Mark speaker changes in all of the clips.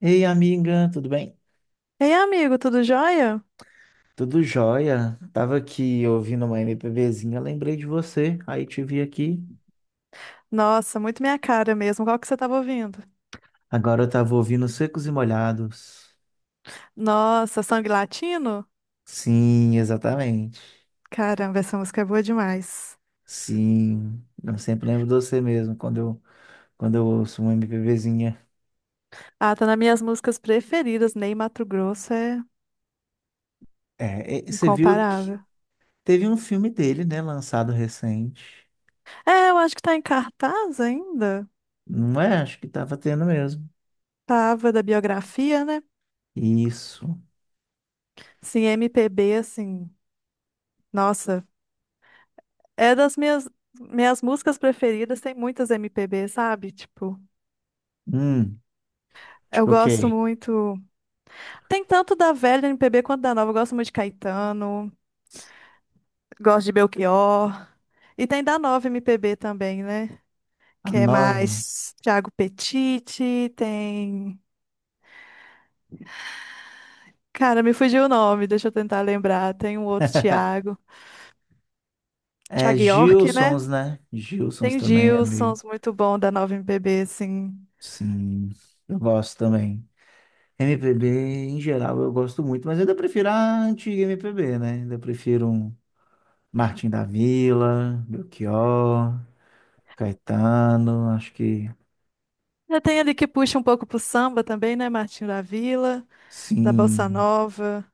Speaker 1: Ei, amiga, tudo bem?
Speaker 2: Ei, amigo, tudo jóia?
Speaker 1: Tudo jóia? Tava aqui ouvindo uma MPBzinha, lembrei de você, aí te vi aqui.
Speaker 2: Nossa, muito minha cara mesmo. Qual que você tava ouvindo?
Speaker 1: Agora eu tava ouvindo Secos e Molhados.
Speaker 2: Nossa, Sangue Latino?
Speaker 1: Sim, exatamente.
Speaker 2: Caramba, essa música é boa demais.
Speaker 1: Sim, eu sempre lembro de você mesmo quando eu ouço uma MPBzinha.
Speaker 2: Ah, tá nas minhas músicas preferidas. Ney Matogrosso é
Speaker 1: É, e você viu que
Speaker 2: incomparável.
Speaker 1: teve um filme dele, né, lançado recente.
Speaker 2: É, eu acho que tá em cartaz ainda.
Speaker 1: Não é? Acho que tava tendo mesmo.
Speaker 2: Tava da biografia, né?
Speaker 1: Isso.
Speaker 2: Sim, MPB, assim. Nossa, é das minhas músicas preferidas. Tem muitas MPB, sabe? Tipo,
Speaker 1: Hum,
Speaker 2: eu
Speaker 1: tipo o
Speaker 2: gosto
Speaker 1: quê?
Speaker 2: muito. Tem tanto da velha MPB quanto da nova. Eu gosto muito de Caetano. Gosto de Belchior. E tem da Nova MPB também, né?
Speaker 1: A
Speaker 2: Que é
Speaker 1: nova.
Speaker 2: mais Thiago Petiti, tem. Cara, me fugiu o nome, deixa eu tentar lembrar. Tem um outro Thiago.
Speaker 1: É
Speaker 2: Thiago York, né?
Speaker 1: Gilsons, né? Gilsons
Speaker 2: Tem o
Speaker 1: também é meio.
Speaker 2: Gilsons, muito bom da Nova MPB, assim.
Speaker 1: Sim, eu gosto também. MPB em geral eu gosto muito, mas ainda prefiro a antiga MPB, né? Ainda prefiro um Martin da Vila, Belchior, Caetano, acho que
Speaker 2: Já tem ali que puxa um pouco pro samba também, né? Martinho da Vila, da Bossa
Speaker 1: sim.
Speaker 2: Nova.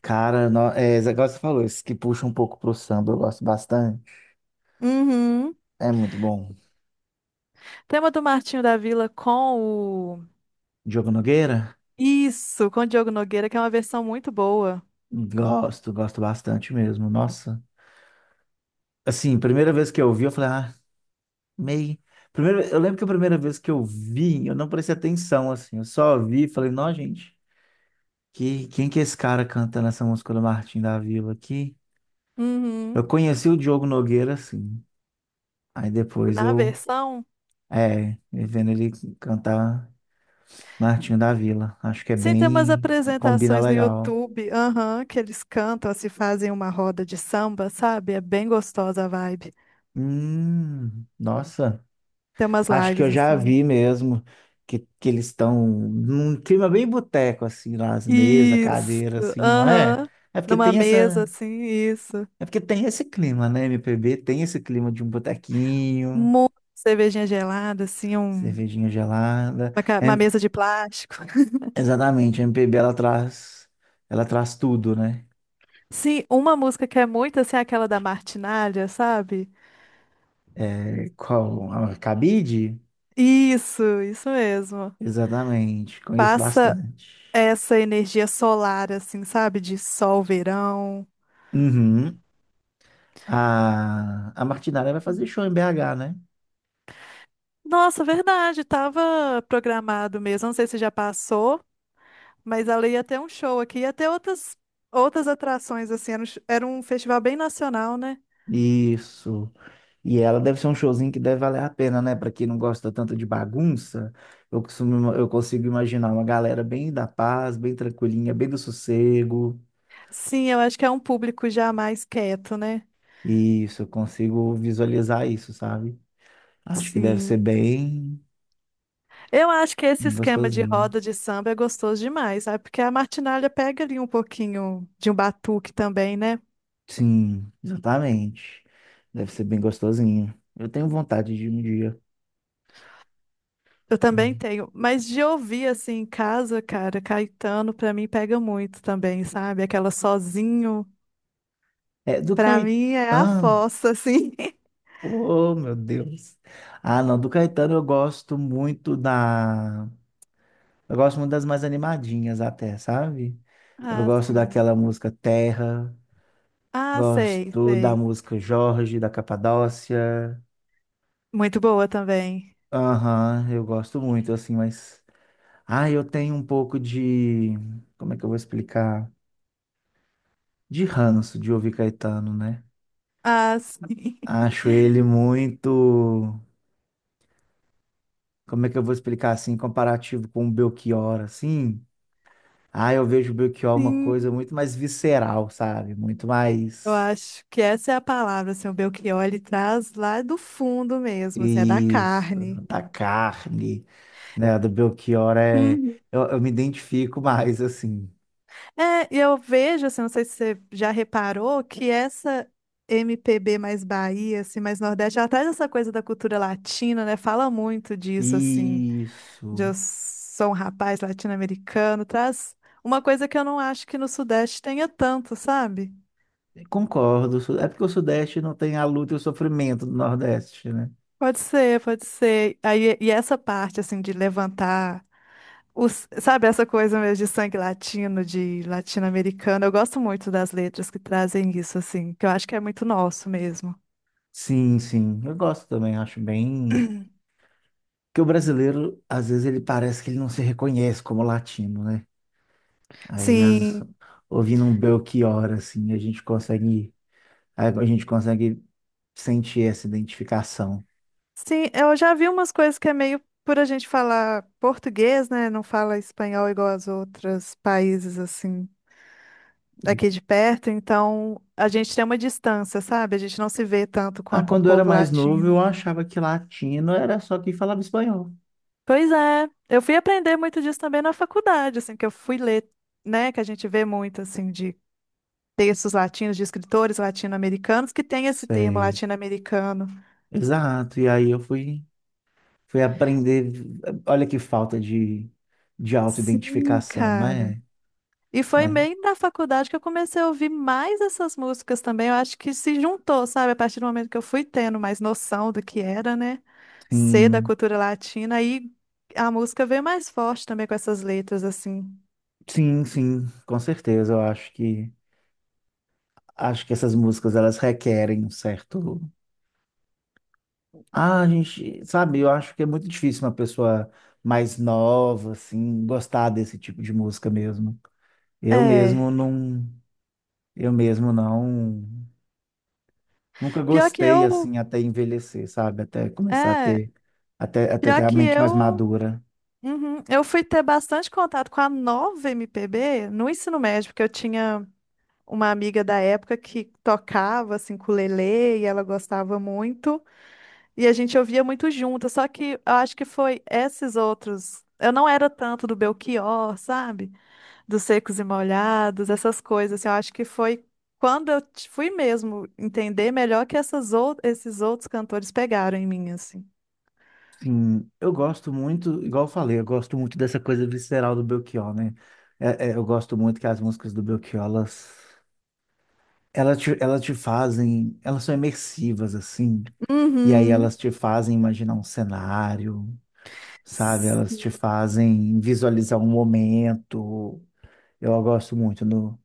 Speaker 1: Cara, no... é, esse negócio que você falou, esse que puxa um pouco pro samba, eu gosto bastante.
Speaker 2: Uhum.
Speaker 1: É muito bom.
Speaker 2: Tem uma do Martinho da Vila com o.
Speaker 1: Diogo Nogueira?
Speaker 2: Isso, com o Diogo Nogueira, que é uma versão muito boa.
Speaker 1: Gosto, gosto bastante mesmo. Nossa. Assim, primeira vez que eu ouvi, eu falei, ah. Meio. Primeiro, eu lembro que a primeira vez que eu vi, eu não prestei atenção, assim. Eu só vi e falei, não, gente, quem que é esse cara cantando essa música do Martim da Vila aqui?
Speaker 2: Uhum.
Speaker 1: Eu conheci o Diogo Nogueira, assim. Aí depois
Speaker 2: Na
Speaker 1: eu,
Speaker 2: versão.
Speaker 1: é, vendo ele cantar Martinho da Vila. Acho que é
Speaker 2: Sim, tem umas
Speaker 1: bem, combina
Speaker 2: apresentações no
Speaker 1: legal.
Speaker 2: YouTube, aham, que eles cantam, assim, fazem uma roda de samba, sabe? É bem gostosa a vibe.
Speaker 1: Nossa.
Speaker 2: Tem umas
Speaker 1: Acho que
Speaker 2: lives
Speaker 1: eu já
Speaker 2: assim.
Speaker 1: vi mesmo que eles estão num clima bem boteco, assim, nas mesas,
Speaker 2: Isso,
Speaker 1: cadeira, assim, não é?
Speaker 2: aham.
Speaker 1: É porque
Speaker 2: Numa
Speaker 1: tem
Speaker 2: mesa,
Speaker 1: essa.
Speaker 2: assim, isso.
Speaker 1: É porque tem esse clima, né? MPB tem esse clima de um botequinho,
Speaker 2: Muita cervejinha gelada, assim,
Speaker 1: cervejinha gelada.
Speaker 2: uma
Speaker 1: É,
Speaker 2: mesa de plástico.
Speaker 1: exatamente, a MPB ela traz tudo, né?
Speaker 2: Sim, uma música que é muito, assim, aquela da Martinália, sabe?
Speaker 1: É, qual, a cabide?
Speaker 2: Isso mesmo.
Speaker 1: Exatamente, conheço
Speaker 2: Passa
Speaker 1: bastante.
Speaker 2: essa energia solar, assim, sabe? De sol, verão.
Speaker 1: Uhum. A Martinália vai fazer show em BH, né?
Speaker 2: Nossa, verdade, tava programado mesmo. Não sei se já passou, mas ela ia ter um show aqui, ia ter outras, outras atrações, assim. Era era um festival bem nacional, né?
Speaker 1: Isso. E ela deve ser um showzinho que deve valer a pena, né? Pra quem não gosta tanto de bagunça, eu costumo, eu consigo imaginar uma galera bem da paz, bem tranquilinha, bem do sossego.
Speaker 2: Sim, eu acho que é um público já mais quieto, né?
Speaker 1: Isso, eu consigo visualizar isso, sabe? Acho que deve ser
Speaker 2: Sim.
Speaker 1: bem,
Speaker 2: Eu acho que esse
Speaker 1: bem
Speaker 2: esquema de
Speaker 1: gostosinho.
Speaker 2: roda de samba é gostoso demais, sabe? Porque a martinália pega ali um pouquinho de um batuque também, né?
Speaker 1: Sim, exatamente. Deve ser bem gostosinho. Eu tenho vontade de um dia.
Speaker 2: Eu também
Speaker 1: Uhum.
Speaker 2: tenho, mas de ouvir assim em casa, cara, Caetano pra mim pega muito também, sabe? Aquela sozinho.
Speaker 1: É, do
Speaker 2: Pra mim é a
Speaker 1: Caetano.
Speaker 2: fossa, assim.
Speaker 1: Oh, meu Deus. Ah, não, do Caetano eu gosto muito da. Eu gosto muito das mais animadinhas até, sabe? Eu
Speaker 2: Ah,
Speaker 1: gosto
Speaker 2: sim.
Speaker 1: daquela música Terra,
Speaker 2: Ah, sei,
Speaker 1: gosto da
Speaker 2: sei.
Speaker 1: música Jorge, da Capadócia.
Speaker 2: Muito boa também.
Speaker 1: Aham, eu gosto muito, assim, mas. Ah, eu tenho um pouco de. Como é que eu vou explicar? De ranço de ouvir Caetano, né?
Speaker 2: Ah, sim.
Speaker 1: Acho ele muito. Como é que eu vou explicar assim, comparativo com o Belchior, assim? Ah, eu vejo o Belchior uma coisa
Speaker 2: Sim,
Speaker 1: muito mais visceral, sabe? Muito
Speaker 2: eu
Speaker 1: mais.
Speaker 2: acho que essa é a palavra, assim, o Belchior, ele traz lá do fundo mesmo, assim, é da
Speaker 1: Isso,
Speaker 2: carne.
Speaker 1: da carne, né? A do Belchior é.
Speaker 2: Uhum.
Speaker 1: Eu me identifico mais, assim.
Speaker 2: É, e eu vejo, assim, não sei se você já reparou, que essa MPB mais Bahia, assim, mais Nordeste, ela traz essa coisa da cultura latina, né? Fala muito disso, assim, de Eu
Speaker 1: Isso.
Speaker 2: sou um rapaz latino-americano, traz uma coisa que eu não acho que no Sudeste tenha tanto, sabe?
Speaker 1: Concordo. É porque o Sudeste não tem a luta e o sofrimento do Nordeste, né?
Speaker 2: Pode ser, pode ser. Aí, e essa parte, assim, de levantar, os, sabe, essa coisa mesmo de sangue latino, de latino-americano, eu gosto muito das letras que trazem isso, assim, que eu acho que é muito nosso mesmo.
Speaker 1: Sim, sim. Eu gosto também, acho bem. Porque o brasileiro, às vezes, ele parece que ele não se reconhece como latino, né? Aí, as...
Speaker 2: Sim,
Speaker 1: ouvindo um Belchior, assim, a gente consegue. A gente consegue sentir essa identificação.
Speaker 2: sim, eu já vi umas coisas que é meio por a gente falar português, né? Não fala espanhol igual aos outros países, assim. Aqui de perto, então a gente tem uma distância, sabe? A gente não se vê tanto
Speaker 1: Ah,
Speaker 2: quanto um
Speaker 1: quando eu era
Speaker 2: povo
Speaker 1: mais novo, eu
Speaker 2: latino.
Speaker 1: achava que latino era só quem falava espanhol.
Speaker 2: Pois é, eu fui aprender muito disso também na faculdade, assim, que eu fui ler, né, que a gente vê muito, assim, de textos latinos, de escritores latino-americanos, que tem esse termo
Speaker 1: Sei.
Speaker 2: latino-americano.
Speaker 1: Exato. Fui aprender. Olha que falta de
Speaker 2: Sim,
Speaker 1: autoidentificação,
Speaker 2: cara.
Speaker 1: né?
Speaker 2: E foi
Speaker 1: Mas,
Speaker 2: bem na faculdade que eu comecei a ouvir mais essas músicas também. Eu acho que se juntou, sabe? A partir do momento que eu fui tendo mais noção do que era, né? Ser da
Speaker 1: sim,
Speaker 2: cultura latina. Aí a música veio mais forte também com essas letras, assim.
Speaker 1: sim, com certeza. Eu acho que essas músicas elas requerem um certo. Ah, a gente, sabe, eu acho que é muito difícil uma pessoa mais nova, assim, gostar desse tipo de música mesmo. Eu mesmo
Speaker 2: É.
Speaker 1: não, eu mesmo não. Nunca
Speaker 2: Pior que
Speaker 1: gostei
Speaker 2: eu.
Speaker 1: assim até envelhecer, sabe? Até começar a
Speaker 2: É.
Speaker 1: ter até ter
Speaker 2: Pior
Speaker 1: a
Speaker 2: que
Speaker 1: mente mais
Speaker 2: eu.
Speaker 1: madura.
Speaker 2: Uhum. Eu fui ter bastante contato com a nova MPB no ensino médio, porque eu tinha uma amiga da época que tocava, assim, com ukulele, e ela gostava muito. E a gente ouvia muito junto, só que eu acho que foi esses outros. Eu não era tanto do Belchior, sabe? Dos Secos e Molhados, essas coisas. Assim, eu acho que foi quando fui mesmo entender melhor que esses outros cantores pegaram em mim, assim.
Speaker 1: Sim, eu gosto muito, igual eu falei, eu gosto muito dessa coisa visceral do Belchior, né? É, eu gosto muito que as músicas do Belchior, elas te fazem, elas são imersivas, assim. E aí
Speaker 2: Uhum.
Speaker 1: elas te fazem imaginar um cenário, sabe? Elas te
Speaker 2: Sim,
Speaker 1: fazem visualizar um momento. Eu gosto muito no,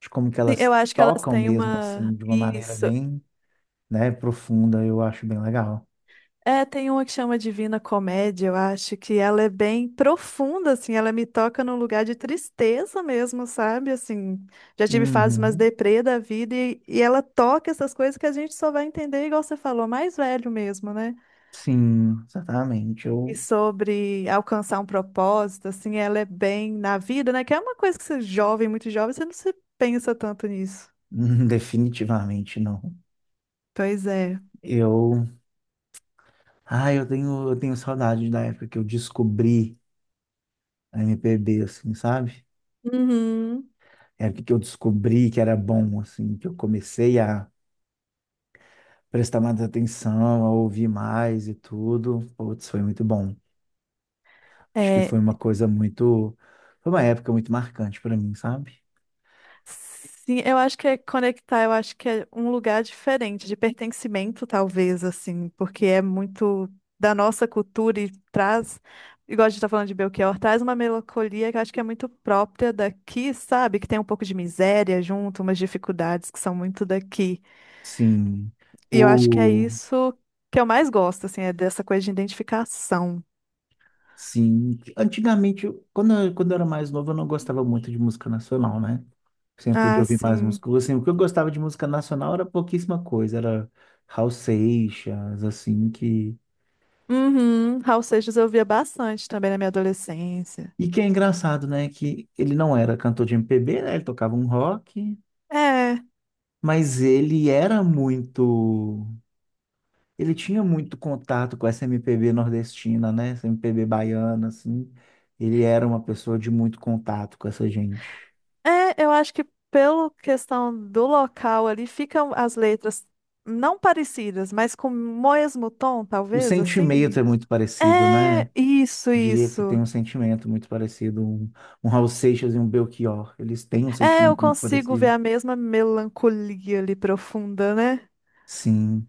Speaker 1: de como que
Speaker 2: eu
Speaker 1: elas
Speaker 2: acho que elas
Speaker 1: tocam
Speaker 2: têm
Speaker 1: mesmo,
Speaker 2: uma.
Speaker 1: assim, de uma maneira
Speaker 2: Isso.
Speaker 1: bem né, profunda, eu acho bem legal.
Speaker 2: É, tem uma que chama Divina Comédia, eu acho que ela é bem profunda, assim, ela me toca num lugar de tristeza mesmo, sabe? Assim, já tive fases mais
Speaker 1: Uhum.
Speaker 2: deprê da vida e ela toca essas coisas que a gente só vai entender, igual você falou, mais velho mesmo, né?
Speaker 1: Sim, exatamente.
Speaker 2: E
Speaker 1: Eu
Speaker 2: sobre alcançar um propósito, assim, ela é bem na vida, né? Que é uma coisa que você é jovem, muito jovem, você não se pensa tanto nisso.
Speaker 1: definitivamente não.
Speaker 2: Pois é.
Speaker 1: Eu, eu tenho saudade da época que eu descobri a MPB, assim, sabe?
Speaker 2: Uhum.
Speaker 1: É a época que eu descobri que era bom, assim, que eu comecei a prestar mais atenção, a ouvir mais e tudo. Putz, foi muito bom. Acho que
Speaker 2: É,
Speaker 1: foi uma coisa muito, foi uma época muito marcante para mim, sabe?
Speaker 2: sim, eu acho que é conectar, eu acho que é um lugar diferente, de pertencimento, talvez, assim, porque é muito da nossa cultura e traz, igual a gente tá falando de Belchior, traz uma melancolia que eu acho que é muito própria daqui, sabe? Que tem um pouco de miséria junto, umas dificuldades que são muito daqui.
Speaker 1: Sim.
Speaker 2: E eu acho que é
Speaker 1: O...
Speaker 2: isso que eu mais gosto, assim, é dessa coisa de identificação.
Speaker 1: Sim. Antigamente, quando eu era mais novo, eu não gostava muito de música nacional, né? Sempre fui de
Speaker 2: Ah,
Speaker 1: ouvir mais
Speaker 2: sim.
Speaker 1: música. Assim, o que eu gostava de música nacional era pouquíssima coisa. Era Raul Seixas, assim, que...
Speaker 2: Uhum. Raul Seixas eu via bastante também na minha adolescência.
Speaker 1: E que é engraçado, né? Que ele não era cantor de MPB, né? Ele tocava um rock,
Speaker 2: É.
Speaker 1: mas ele era muito... ele tinha muito contato com essa MPB nordestina, né? Essa MPB baiana, assim. Ele era uma pessoa de muito contato com essa gente.
Speaker 2: É, eu acho que pela questão do local ali, ficam as letras não parecidas, mas com o mesmo tom,
Speaker 1: O
Speaker 2: talvez, assim.
Speaker 1: sentimento é muito parecido,
Speaker 2: É,
Speaker 1: né?
Speaker 2: isso,
Speaker 1: Diria que tem
Speaker 2: isso.
Speaker 1: um sentimento muito parecido. Um Raul Seixas e um Belchior. Eles têm um
Speaker 2: É, eu
Speaker 1: sentimento muito
Speaker 2: consigo ver
Speaker 1: parecido.
Speaker 2: a mesma melancolia ali profunda, né?
Speaker 1: Sim,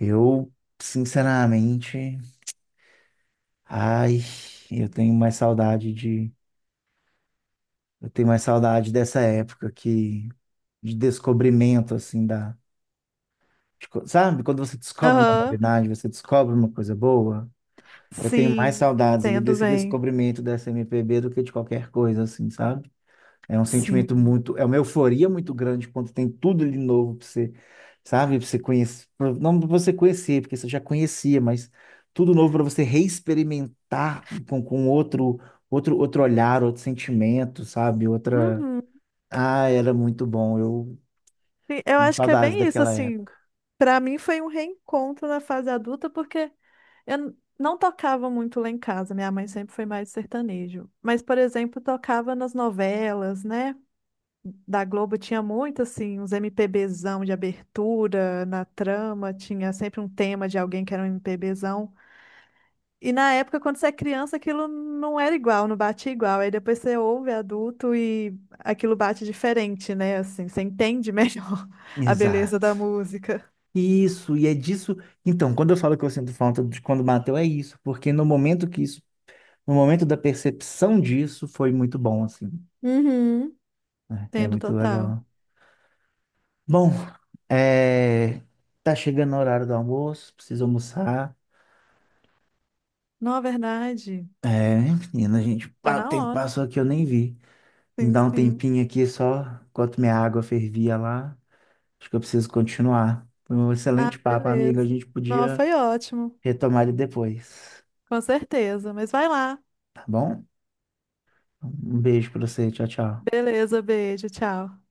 Speaker 1: eu, sinceramente, ai, eu tenho mais saudade de. Eu tenho mais saudade de descobrimento, assim, da. Tipo, sabe, quando você descobre uma
Speaker 2: Aham.
Speaker 1: novidade, você descobre uma coisa boa, eu tenho mais
Speaker 2: Sim,
Speaker 1: saudades ali
Speaker 2: entendo
Speaker 1: desse
Speaker 2: bem.
Speaker 1: descobrimento dessa MPB do que de qualquer coisa, assim, sabe? É um sentimento
Speaker 2: Sim.
Speaker 1: muito, é uma euforia muito grande quando tem tudo de novo pra você, sabe? Pra você conhecer, pra- não pra você conhecer, porque você já conhecia, mas tudo novo para você reexperimentar com outro, outro olhar, outro sentimento, sabe? Outra.
Speaker 2: Uhum.
Speaker 1: Ah, era muito bom, eu
Speaker 2: Sim, eu
Speaker 1: tenho
Speaker 2: acho que é
Speaker 1: saudades
Speaker 2: bem isso,
Speaker 1: daquela
Speaker 2: assim.
Speaker 1: época.
Speaker 2: Pra mim foi um reencontro na fase adulta, porque eu não tocava muito lá em casa, minha mãe sempre foi mais sertanejo. Mas, por exemplo, tocava nas novelas, né? Da Globo tinha muito, assim, uns MPBzão de abertura, na trama, tinha sempre um tema de alguém que era um MPBzão. E na época, quando você é criança, aquilo não era igual, não batia igual. Aí depois você ouve adulto e aquilo bate diferente, né? Assim, você entende melhor a beleza
Speaker 1: Exato.
Speaker 2: da música.
Speaker 1: Isso, e é disso. Então, quando eu falo que eu sinto falta de quando bateu, é isso, porque no momento da percepção disso, foi muito bom, assim.
Speaker 2: Uhum.
Speaker 1: É
Speaker 2: Entendo
Speaker 1: muito
Speaker 2: total.
Speaker 1: legal. Bom, é, tá chegando o horário do almoço, preciso almoçar.
Speaker 2: Não, é verdade.
Speaker 1: É, menina, a gente,
Speaker 2: Tá
Speaker 1: ah, o
Speaker 2: na
Speaker 1: tempo
Speaker 2: hora.
Speaker 1: passou aqui, eu nem vi. Me
Speaker 2: Sim,
Speaker 1: dá um
Speaker 2: sim.
Speaker 1: tempinho aqui só, enquanto minha água fervia lá. Acho que eu preciso continuar. Foi um
Speaker 2: Ah,
Speaker 1: excelente papo, amiga. A
Speaker 2: beleza.
Speaker 1: gente
Speaker 2: Não,
Speaker 1: podia
Speaker 2: foi ótimo.
Speaker 1: retomar ele depois,
Speaker 2: Com certeza. Mas vai lá.
Speaker 1: tá bom? Um beijo pra você, tchau, tchau.
Speaker 2: Beleza, beijo, tchau.